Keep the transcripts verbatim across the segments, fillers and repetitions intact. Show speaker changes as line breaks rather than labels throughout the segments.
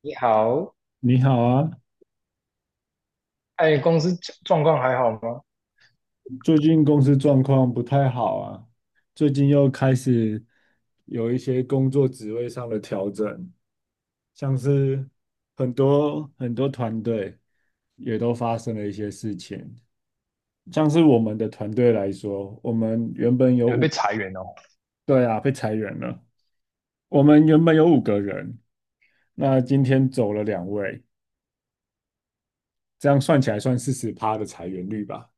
你好，
你好啊，
哎，公司状状况还好吗？
最近公司状况不太好啊，最近又开始有一些工作职位上的调整，像是很多很多团队也都发生了一些事情，像是我们的团队来说，我们原本有
你们
五，
被裁员哦？
对啊，被裁员了，我们原本有五个人，那今天走了两位，这样算起来算四十趴的裁员率吧，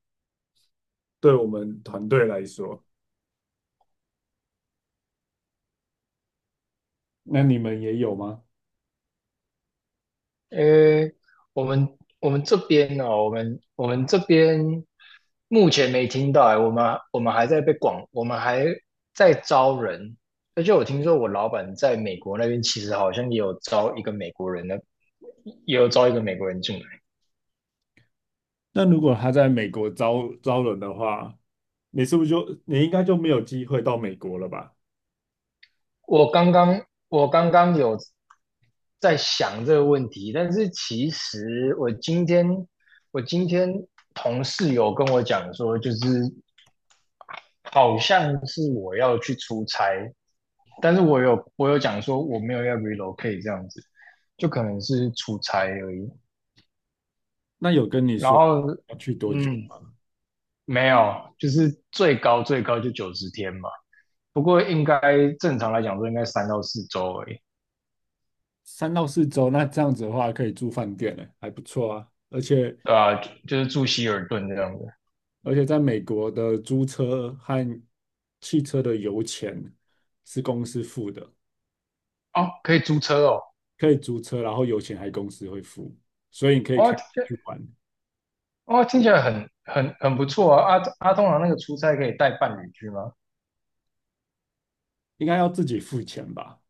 对我们团队来说，那你们也有吗？
呃，我们我们这边哦，我们我们这边目前没听到哎，我们我们还在被广，我们还在招人，而且我听说我老板在美国那边其实好像也有招一个美国人呢，也有招一个美国人进来。
那如果他在美国招招人的话，你是不是就你应该就没有机会到美国了吧？
我刚刚我刚刚有在想这个问题，但是其实我今天我今天同事有跟我讲说，就是好像是我要去出差，但是我有我有讲说我没有要 relocate 这样子，就可能是出差而已。
那有跟你
然
说
后，
要去多久
嗯，
吗？
没有，就是最高最高就九十天嘛，不过应该正常来讲说应该三到四周而已，
三到四周，那这样子的话可以住饭店呢，还不错啊。而且
对啊，就就是住希尔顿这样子。
而且在美国的租车和汽车的油钱是公司付的，
哦，可以租车哦。
可以租车，然后油钱还公司会付，所以你可以开
哦，
去玩，
哦，听起来很很很不错啊！阿阿通常那个出差可以带伴侣去吗？
应该要自己付钱吧？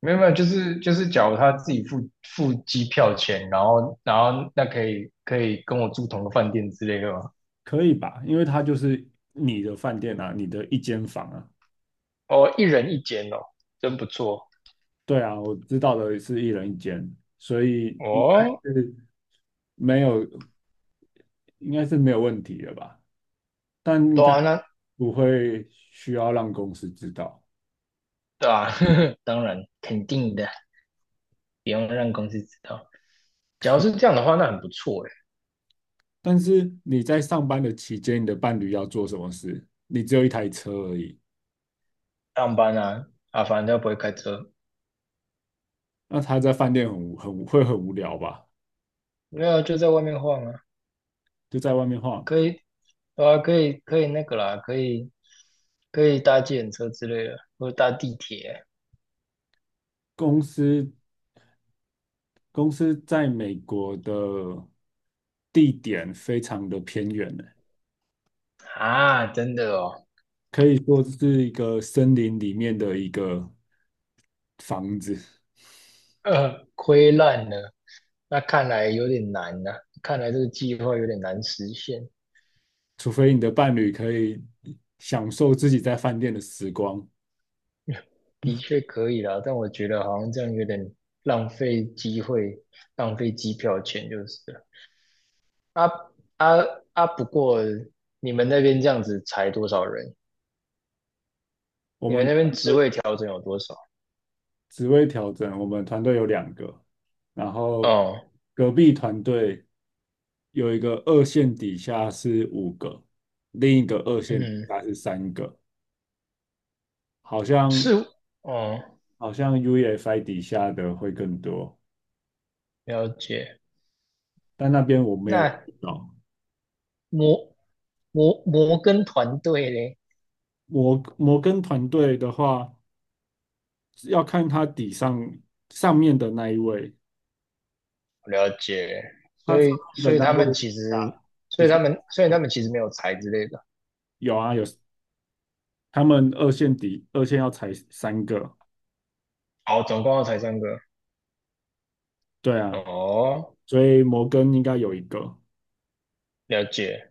没有没有，就是就是，假如他自己付付机票钱，然后然后那可以可以跟我住同个饭店之类的吗？
可以吧？因为它就是你的饭店啊，你的一间房啊。
哦，一人一间哦，真不错
对啊，我知道的是一人一间，所以应该
哦。
是没有，应该是没有问题的吧？但应
对
该
啊，那
不会需要让公司知道。
对啊，当然肯定的，不用让公司知道。假如是这样的话，那很不错诶。
但是你在上班的期间，你的伴侣要做什么事？你只有一台车而已，
上班啊，啊，反正他不会开车，
那他在饭店很无很无会很无聊吧？
没有就在外面晃啊，
就在外面晃。
可以对啊，可以可以那个啦，可以可以搭计程车之类的，或者搭地铁
公司公司在美国的地点非常的偏远呢。
啊，真的哦，
可以说这是一个森林里面的一个房子，
呃，亏烂了，那看来有点难呐、看来这个计划有点难实现。
除非你的伴侣可以享受自己在饭店的时光。
的确可以啦，但我觉得好像这样有点浪费机会，浪费机票钱就是了。啊啊啊！不过你们那边这样子裁多少人？
我
你们
们
那边
团
职
队
位调整有多少？
职位调整，我们团队有两个，然后
哦，
隔壁团队有一个二线底下是五个，另一个二线底
嗯，
下是三个，好像
是，哦，
好像 UEFI 底下的会更多，
了解。
但那边我没有
那
遇到。
摩摩摩根团队嘞，
我我跟团队的话。要看它底上上面的那一位，
了解。
它
所
上
以所
面
以
的那
他
一位
们其实，
啊，
所
底
以
下
他们所以
有
他们其实没有裁之类的。
有啊有，他们二线底二线要踩三个，
哦，总共要裁三个。
对啊，
哦，
所以摩根应该有一个，
了解。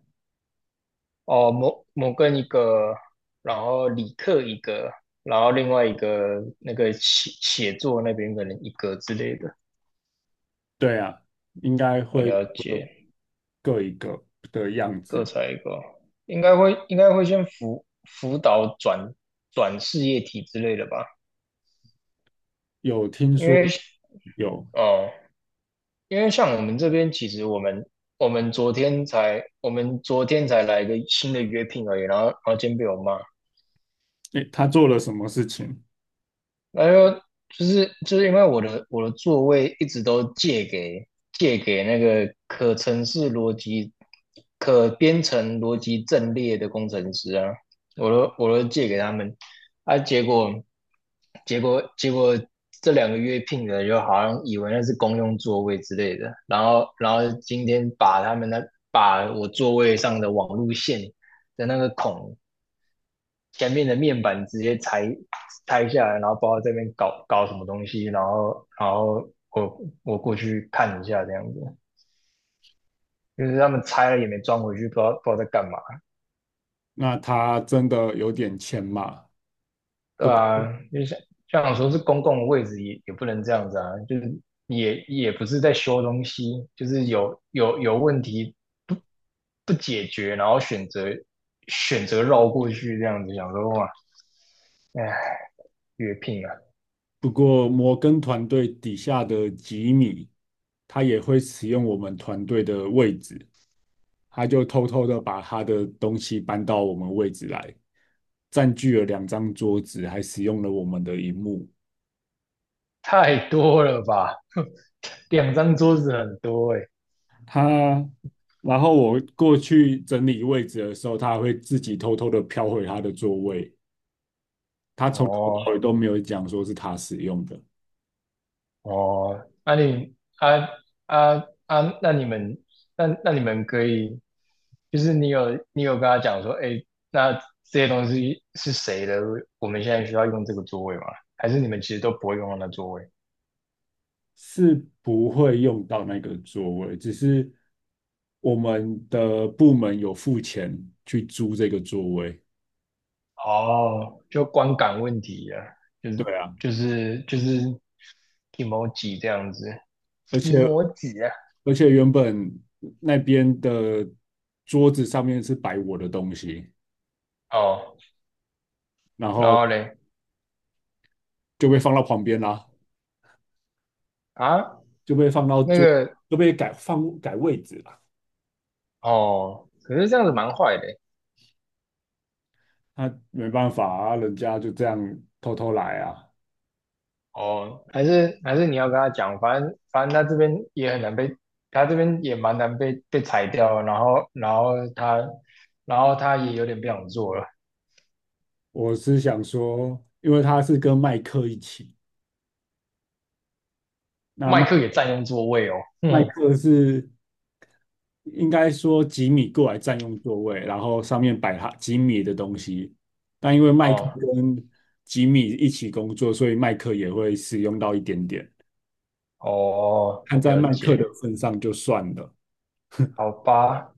哦，摩摩根一个，然后理克一个，然后另外一个那个写写作那边可能一个之类的，
对啊，应该
呃
会
了
各
解。
各一个的样
各
子。
裁一个。应该会应该会先辅辅导转转事业体之类的吧，
有听
因
说
为
有，
哦，因为像我们这边，其实我们我们昨天才我们昨天才来一个新的约聘而已，然后然后今天被我骂，
诶，他做了什么事情？
然后就是就是因为我的我的座位一直都借给借给那个可程式逻辑、可编程逻辑阵列的工程师啊，我都我都借给他们啊，结果结果结果这两个月聘的就好像以为那是公用座位之类的，然后然后今天把他们那把我座位上的网路线的那个孔前面的面板直接拆拆下来，然后包括这边搞搞什么东西，然后然后我我过去看一下这样子，就是他们拆了也没装回去，不知道不知道在干嘛，
那他真的有点钱嘛？
对啊，就像像说是公共的位置也也不能这样子啊，就是也也不是在修东西，就是有有有问题不不解决，然后选择选择绕过去这样子，想说哇，哎，越拼啊。
不过摩根团队底下的吉米，他也会使用我们团队的位置，他就偷偷的把他的东西搬到我们位置来，占据了两张桌子，还使用了我们的荧幕。
太多了吧？两张桌子很多哎、
他，然后我过去整理位置的时候，他还会自己偷偷的飘回他的座位。他从头到
哦
尾都没有讲说是他使用的，
哦，那、你啊啊啊，那你们那那你们可以，就是你有你有跟他讲说，哎，那这些东西是谁的？我们现在需要用这个座位吗？还是你们其实都不会用到那座位？
是不会用到那个座位，只是我们的部门有付钱去租这个座位。
哦，就观感问题啊，就
对
是
啊，
就是就是 emoji 这样子
而且
，emoji 啊。
而且原本那边的桌子上面是摆我的东西，
哦，
然
然
后
后嘞
就被放到旁边啦，
啊，
就被放到
那
桌，
个
就被改放改位置啦。
哦，可是这样子蛮坏的欸
那没办法啊，人家就这样偷偷来啊。
哦，还是还是你要跟他讲，反正反正他这边也很难被，他这边也蛮难被被裁掉，然后然后他然后他也有点不想做了，
我是想说，因为他是跟麦克一起，那
麦
麦
克也占用座位哦。
麦
嗯，
克是应该说吉米过来占用座位，然后上面摆他吉米的东西。但因为麦克
哦
跟吉米一起工作，所以麦克也会使用到一点点。
哦，
看在
了
麦克的
解，
份上就算了。
好吧，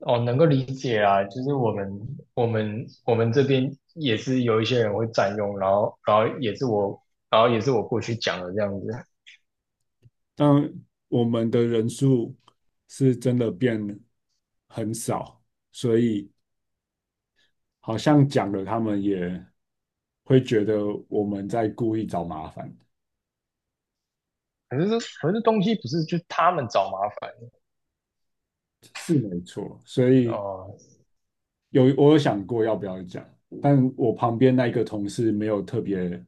哦，能够理解啊，就是我们我们我们这边也是有一些人会占用，然后然后也是我然后也是我过去讲的这样子。
但我们的人数是真的变很少，所以好像讲了，他们也会觉得我们在故意找麻烦，
可是这可是东西不是就他们找麻烦
是没错。所以
哦
有我有想过要不要讲，但我旁边那一个同事没有特别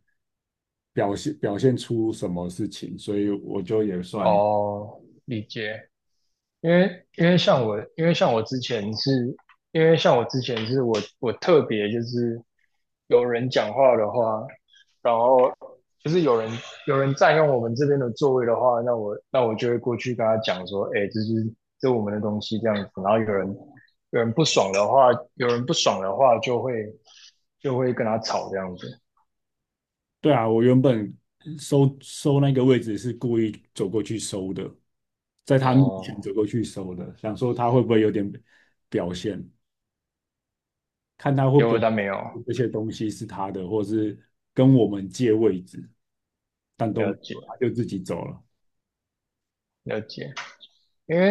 表现表现出什么事情，所以我就也算
哦，理解。因为因为像我，因为像我之前是，因为像我之前是我我特别就是有人讲话的话，然后就是有人有人占用我们这边的座位的话，那我那我就会过去跟他讲说，哎，这是这是我们的东西这样子。然后有人有人不爽的话，有人不爽的话，就会就会跟他吵这样子。
对啊，我原本收收那个位置是故意走过去收的，在他面前
哦，
走过去收的，想说他会不会有点表现，看他会
结
不
果
会
他没有
这些东西是他的，或是跟我们借位置，但都没
了
有，
解。
他就自己走了。
了解，因为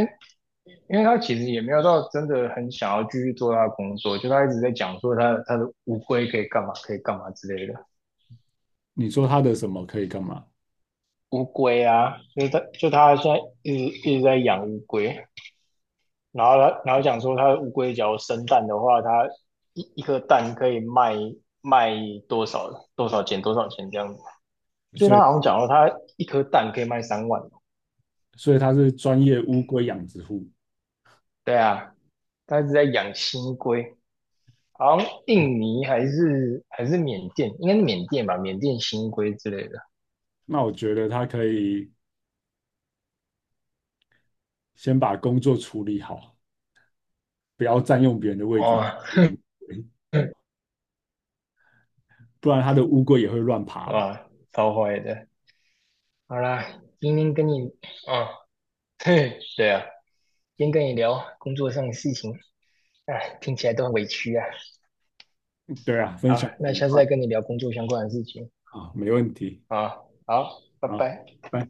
因为他其实也没有到真的很想要继续做他的工作，就他一直在讲说他他的乌龟可以干嘛，可以干嘛之类的。
你说他的什么可以干嘛？
乌龟啊，就是他就他现在一直一直在养乌龟，然后他然后讲说他的乌龟只要生蛋的话，他一一颗蛋可以卖卖多少多少钱多少钱这样子。所以
所以，
他好像讲说他一颗蛋可以卖三万。
所以他是专业乌龟养殖户。
对啊，他一直在养新龟。好像
嗯
印尼还是还是缅甸，应该是缅甸吧，缅甸新规之类的。
那我觉得他可以先把工作处理好，不要占用别人的位置，
哦，
不然他的乌龟也会乱爬吧。
哇，超坏的。好啦，今天跟你，哦，对啊，今天跟你聊工作上的事情，哎，听起来都很委屈啊。
对啊，分
好，
享的
那
很
下次
快
再跟你聊工作相关的事情。
啊，没问题
啊，好，拜
啊，
拜。
拜。